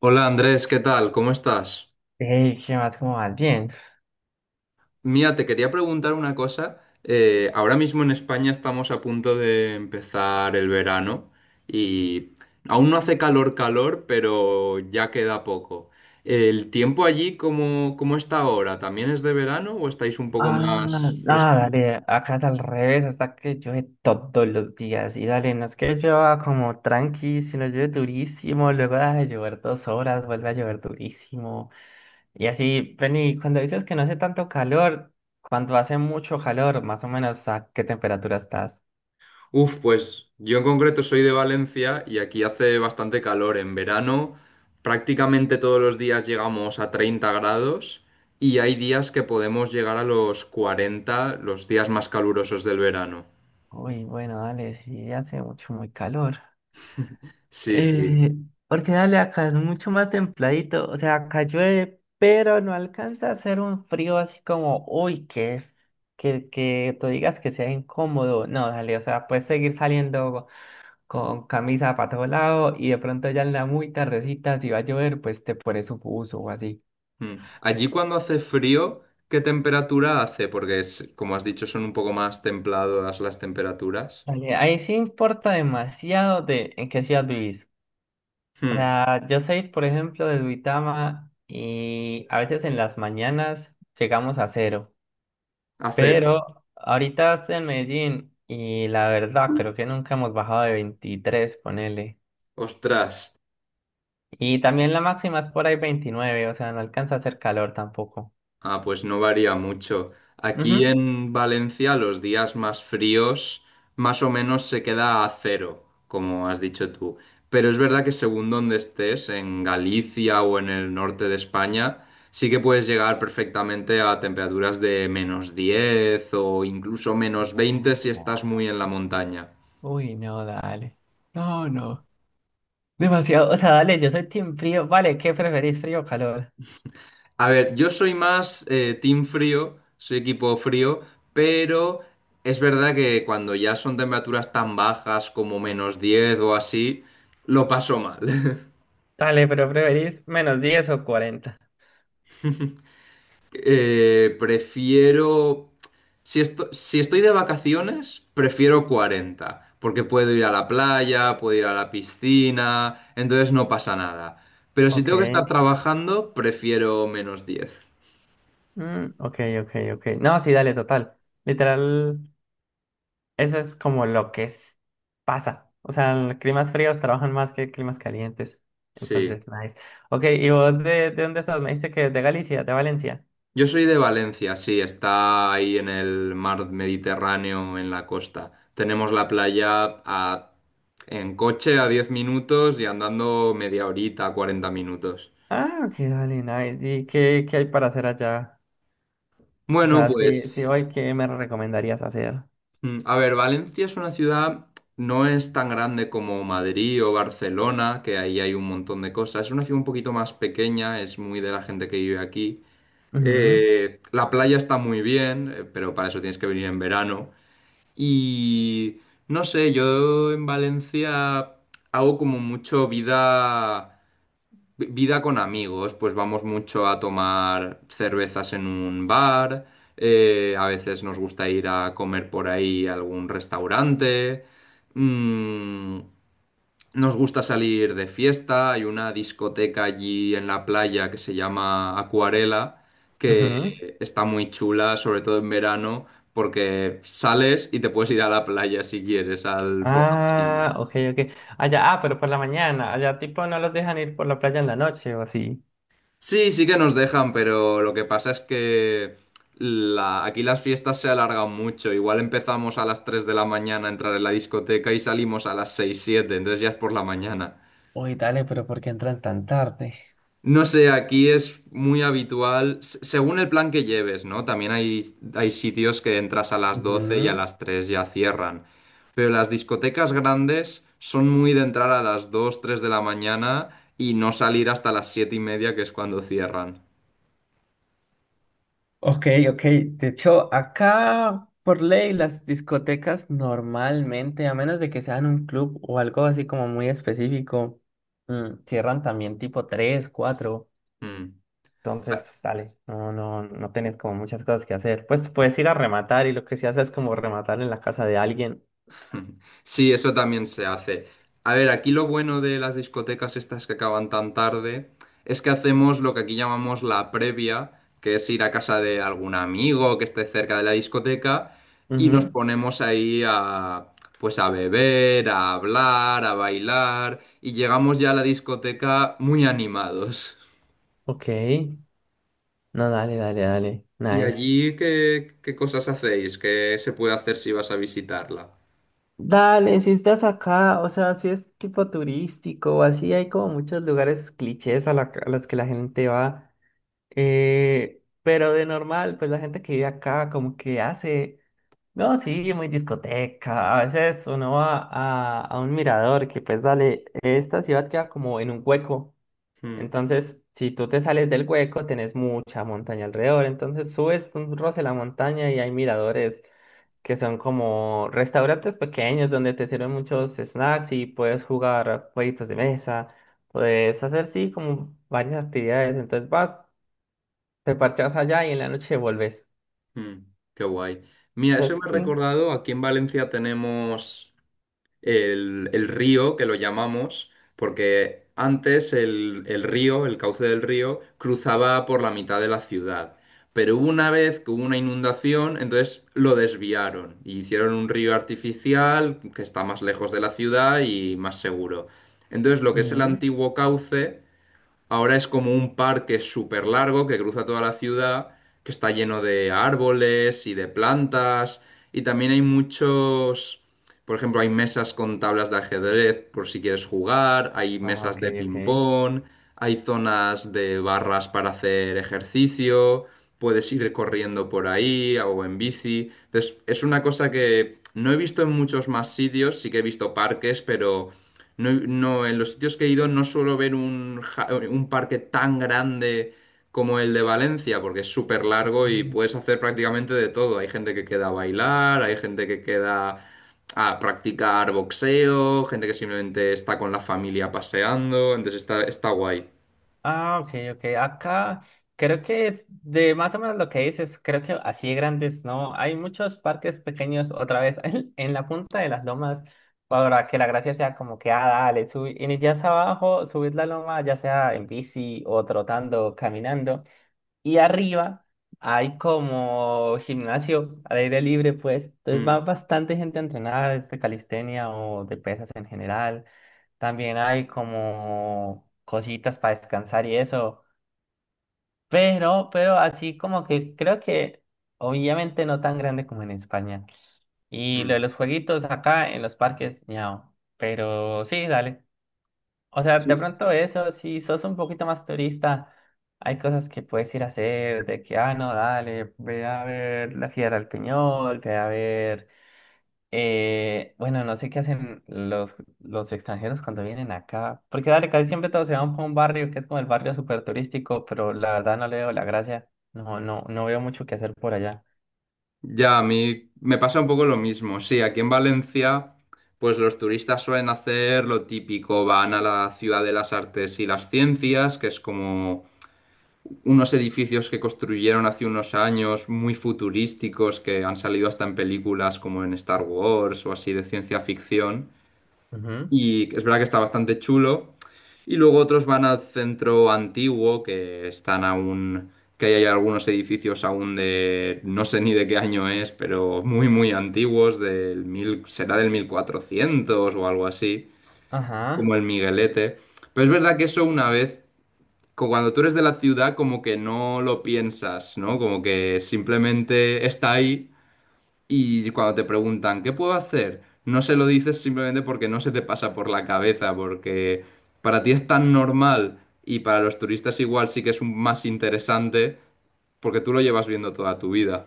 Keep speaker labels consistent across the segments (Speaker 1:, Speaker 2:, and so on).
Speaker 1: Hola Andrés, ¿qué tal? ¿Cómo estás?
Speaker 2: Hey, ¿qué más? ¿Cómo vas? Bien.
Speaker 1: Mira, te quería preguntar una cosa. Ahora mismo en España estamos a punto de empezar el verano y aún no hace calor, calor, pero ya queda poco. ¿El tiempo allí cómo está ahora? ¿También es de verano o estáis un poco
Speaker 2: Ah, ah,
Speaker 1: más frescos?
Speaker 2: dale, acá es al revés, hasta que llueve todos los días. Y dale, no es que llueva como tranqui, sino llueve durísimo, luego deja de llover 2 horas, vuelve a llover durísimo. Y así, Penny, cuando dices que no hace tanto calor, cuando hace mucho calor, más o menos, ¿a qué temperatura estás?
Speaker 1: Uf, pues yo en concreto soy de Valencia y aquí hace bastante calor. En verano prácticamente todos los días llegamos a 30 grados y hay días que podemos llegar a los 40, los días más calurosos del verano.
Speaker 2: Uy, bueno, dale, sí hace mucho, muy calor.
Speaker 1: Sí, sí.
Speaker 2: Eh, porque dale, acá es mucho más templadito, o sea, acá llueve, pero no alcanza a hacer un frío así como, uy, que tú digas que sea incómodo, no, dale, o sea, puedes seguir saliendo con camisa para todo lado y de pronto ya en la muy tardecita, si va a llover, pues te pones un buzo o así.
Speaker 1: Mm. Allí cuando hace frío, ¿qué temperatura hace? Porque como has dicho, son un poco más templadas las temperaturas.
Speaker 2: Dale, ahí sí importa demasiado de en qué ciudad vivís. O
Speaker 1: Hmm.
Speaker 2: sea, yo soy, por ejemplo, de Duitama y a veces en las mañanas llegamos a 0.
Speaker 1: A cero.
Speaker 2: Pero ahorita estoy en Medellín y la verdad creo que nunca hemos bajado de 23 ponele.
Speaker 1: Ostras.
Speaker 2: Y también la máxima es por ahí 29, o sea, no alcanza a hacer calor tampoco.
Speaker 1: Ah, pues no varía mucho. Aquí
Speaker 2: Ujú.
Speaker 1: en Valencia los días más fríos más o menos se queda a cero, como has dicho tú. Pero es verdad que según donde estés, en Galicia o en el norte de España, sí que puedes llegar perfectamente a temperaturas de -10 o incluso -20 si estás
Speaker 2: Ah,
Speaker 1: muy en la montaña.
Speaker 2: uy, no, dale. No, no. Demasiado. O sea, dale, yo soy team frío. Vale, ¿qué preferís, frío o calor?
Speaker 1: A ver, yo soy más team frío, soy equipo frío, pero es verdad que cuando ya son temperaturas tan bajas como -10 o así, lo paso mal.
Speaker 2: Dale, pero ¿preferís -10 o 40?
Speaker 1: Prefiero... Si si estoy de vacaciones, prefiero 40, porque puedo ir a la playa, puedo ir a la piscina, entonces no pasa nada. Pero si
Speaker 2: Ok.
Speaker 1: tengo que estar trabajando, prefiero -10.
Speaker 2: Mm, ok, ok, ok. No, sí, dale, total. Literal. Eso es como lo que es- pasa. O sea, en climas fríos trabajan más que climas calientes.
Speaker 1: Sí.
Speaker 2: Entonces, nice. Ok, ¿y vos de dónde estás? Me dijiste que de Galicia, de Valencia.
Speaker 1: Yo soy de Valencia, sí, está ahí en el mar Mediterráneo, en la costa. Tenemos la playa en coche a 10 minutos y andando media horita, 40 minutos.
Speaker 2: Ah, ok, dale, nice. ¿Y qué, qué hay para hacer allá? O
Speaker 1: Bueno,
Speaker 2: sea, si
Speaker 1: pues,
Speaker 2: hoy, ¿qué me recomendarías hacer?
Speaker 1: a ver, Valencia es una ciudad, no es tan grande como Madrid o Barcelona, que ahí hay un montón de cosas. Es una ciudad un poquito más pequeña, es muy de la gente que vive aquí.
Speaker 2: Ujú,
Speaker 1: La playa está muy bien, pero para eso tienes que venir en verano. Y no sé, yo en Valencia hago como mucho vida, vida con amigos, pues vamos mucho a tomar cervezas en un bar, a veces nos gusta ir a comer por ahí a algún restaurante. mm, nos gusta salir de fiesta, hay una discoteca allí en la playa que se llama Acuarela, que
Speaker 2: ujú.
Speaker 1: está muy chula, sobre todo en verano, porque sales y te puedes ir a la playa si quieres al, por la mañana.
Speaker 2: Ah, ok, ok. Allá, ah, pero por la mañana. Allá, tipo, no los dejan ir por la playa en la noche o así.
Speaker 1: Sí, sí que nos dejan, pero lo que pasa es que aquí las fiestas se alargan mucho. Igual empezamos a las 3 de la mañana a entrar en la discoteca y salimos a las 6 7, entonces ya es por la mañana.
Speaker 2: Uy, dale, pero ¿por qué entran tan tarde?
Speaker 1: No sé, aquí es muy habitual, según el plan que lleves, ¿no? También hay sitios que entras a las 12 y a
Speaker 2: Ujú.
Speaker 1: las 3 ya cierran. Pero las discotecas grandes son muy de entrar a las 2, 3 de la mañana y no salir hasta las 7:30, que es cuando cierran.
Speaker 2: Ok, ok. De hecho, acá por ley las discotecas normalmente, a menos de que sean un club o algo así como muy específico, cierran también tipo 3, 4.
Speaker 1: Mm.
Speaker 2: Entonces, pues dale, no, no, no tenés como muchas cosas que hacer. Pues puedes ir a rematar y lo que se hace es como rematar en la casa de alguien.
Speaker 1: Sí, eso también se hace. A ver, aquí lo bueno de las discotecas estas que acaban tan tarde es que hacemos lo que aquí llamamos la previa, que es ir a casa de algún amigo que esté cerca de la discoteca y nos
Speaker 2: Ujú.
Speaker 1: ponemos ahí a, pues a beber, a hablar, a bailar y llegamos ya a la discoteca muy animados.
Speaker 2: Ok. No, dale, dale, dale.
Speaker 1: ¿Y
Speaker 2: Nice.
Speaker 1: allí qué cosas hacéis? ¿Qué se puede hacer si vas a visitarla?
Speaker 2: Dale, si estás acá, o sea, si es tipo turístico o así, hay como muchos lugares clichés, a los que la gente va. Pero de normal, pues la gente que vive acá como que hace, no, sí, muy discoteca. A veces uno va a un mirador que, pues dale, esta ciudad queda como en un hueco. Entonces, si tú te sales del hueco, tenés mucha montaña alrededor. Entonces subes un roce la montaña y hay miradores que son como restaurantes pequeños donde te sirven muchos snacks y puedes jugar jueguitos de mesa, puedes hacer sí como varias actividades, entonces vas, te parchas allá y en la noche vuelves.
Speaker 1: Mm, qué guay. Mira, eso
Speaker 2: Entonces,
Speaker 1: me ha
Speaker 2: sí.
Speaker 1: recordado, aquí en Valencia tenemos el río, que lo llamamos, porque antes el río, el cauce del río, cruzaba por la mitad de la ciudad. Pero hubo una vez que hubo una inundación, entonces lo desviaron y hicieron un río artificial que está más lejos de la ciudad y más seguro. Entonces lo que es el
Speaker 2: Ujú.
Speaker 1: antiguo cauce... Ahora es como un parque súper largo que cruza toda la ciudad, que está lleno de árboles y de plantas. Y también hay muchos, por ejemplo, hay mesas con tablas de ajedrez por si quieres jugar, hay
Speaker 2: Ah,
Speaker 1: mesas
Speaker 2: ok,
Speaker 1: de
Speaker 2: ok.
Speaker 1: ping-pong, hay zonas de barras para hacer ejercicio, puedes ir corriendo por ahí o en bici. Entonces, es una cosa que no he visto en muchos más sitios, sí que he visto parques, pero... No, no, en los sitios que he ido no suelo ver un parque tan grande como el de Valencia, porque es súper largo y
Speaker 2: Ah.
Speaker 1: puedes hacer prácticamente de todo. Hay gente que queda a bailar, hay gente que queda a practicar boxeo, gente que simplemente está con la familia paseando, entonces está guay.
Speaker 2: Ah, ok, ok. Acá creo que es de más o menos lo que dices, creo que así de grandes, ¿no? Hay muchos parques pequeños otra vez en la punta de las lomas para que la gracia sea como que, ah, dale, subir, inicias abajo, subir la loma, ya sea en bici o trotando, caminando. Y arriba hay como gimnasio al aire libre, pues. Entonces
Speaker 1: Mm,
Speaker 2: va bastante gente a entrenar, de calistenia o de pesas en general. También hay como cositas para descansar y eso. Pero así como que creo que obviamente no tan grande como en España. Y lo de
Speaker 1: mm.
Speaker 2: los jueguitos acá en los parques, ñao. Pero sí, dale. O sea, de
Speaker 1: Sí.
Speaker 2: pronto eso, si sos un poquito más turista, hay cosas que puedes ir a hacer, de que, ah, no, dale, ve a ver la Fiera del Peñol, ve a ver, bueno, no sé qué hacen los extranjeros cuando vienen acá, porque dale, casi siempre todos se van para un barrio que es como el barrio súper turístico, pero la verdad no le veo la gracia, no, no, no veo mucho que hacer por allá.
Speaker 1: Ya, a mí me pasa un poco lo mismo. Sí, aquí en Valencia, pues los turistas suelen hacer lo típico, van a la Ciudad de las Artes y las Ciencias, que es como unos edificios que construyeron hace unos años muy futurísticos que han salido hasta en películas como en Star Wars o así de ciencia ficción.
Speaker 2: Ujú.
Speaker 1: Y es verdad que está bastante chulo. Y luego otros van al centro antiguo que están aún, que ahí hay algunos edificios aún de, no sé ni de qué año es, pero muy, muy antiguos, del mil, será del 1400 o algo así, como
Speaker 2: Ajá,
Speaker 1: el Miguelete. Pero es verdad que eso una vez cuando tú eres de la ciudad, como que no lo piensas, ¿no? Como que simplemente está ahí y cuando te preguntan, ¿qué puedo hacer? No se lo dices simplemente porque no se te pasa por la cabeza, porque para ti es tan normal y para los turistas igual sí que es más interesante porque tú lo llevas viendo toda tu vida.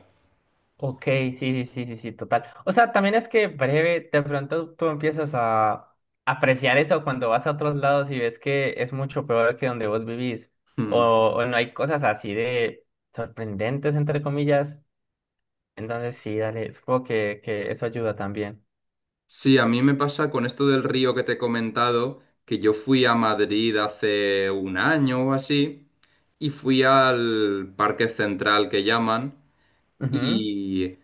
Speaker 2: ok, sí, sí, sí, sí, sí, total. O sea, también es que breve, de pronto tú empiezas a apreciar eso cuando vas a otros lados y ves que es mucho peor que donde vos vivís, o,
Speaker 1: Hmm.
Speaker 2: o no hay cosas así de sorprendentes, entre comillas. Entonces sí, dale, supongo que eso ayuda también.
Speaker 1: Sí, a mí me pasa con esto del río que te he comentado, que yo fui a Madrid hace un año o así y fui al Parque Central que llaman
Speaker 2: Ujú.
Speaker 1: Y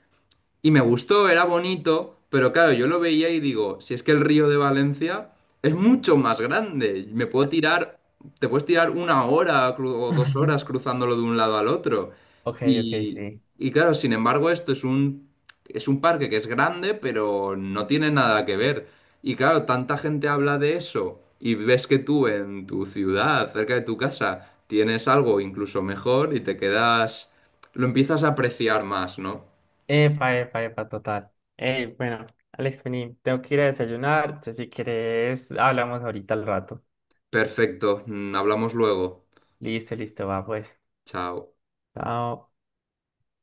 Speaker 1: y me gustó, era bonito, pero claro, yo lo veía y digo, si es que el río de Valencia es mucho más grande, me puedo tirar, te puedes tirar una hora o dos horas cruzándolo de un lado al otro.
Speaker 2: Ok, ok,
Speaker 1: Y,
Speaker 2: sí.
Speaker 1: y claro, sin embargo, esto es un, parque que es grande, pero no tiene nada que ver. Y claro, tanta gente habla de eso y ves que tú en tu ciudad, cerca de tu casa, tienes algo incluso mejor y te quedas, lo empiezas a apreciar más, ¿no?
Speaker 2: Epa, epa, epa, total. Ey, bueno, Alex, vení, tengo que ir a desayunar. Entonces, si quieres, hablamos ahorita al rato.
Speaker 1: Perfecto, hablamos luego.
Speaker 2: Listo, listo, va, pues.
Speaker 1: Chao.
Speaker 2: Chao.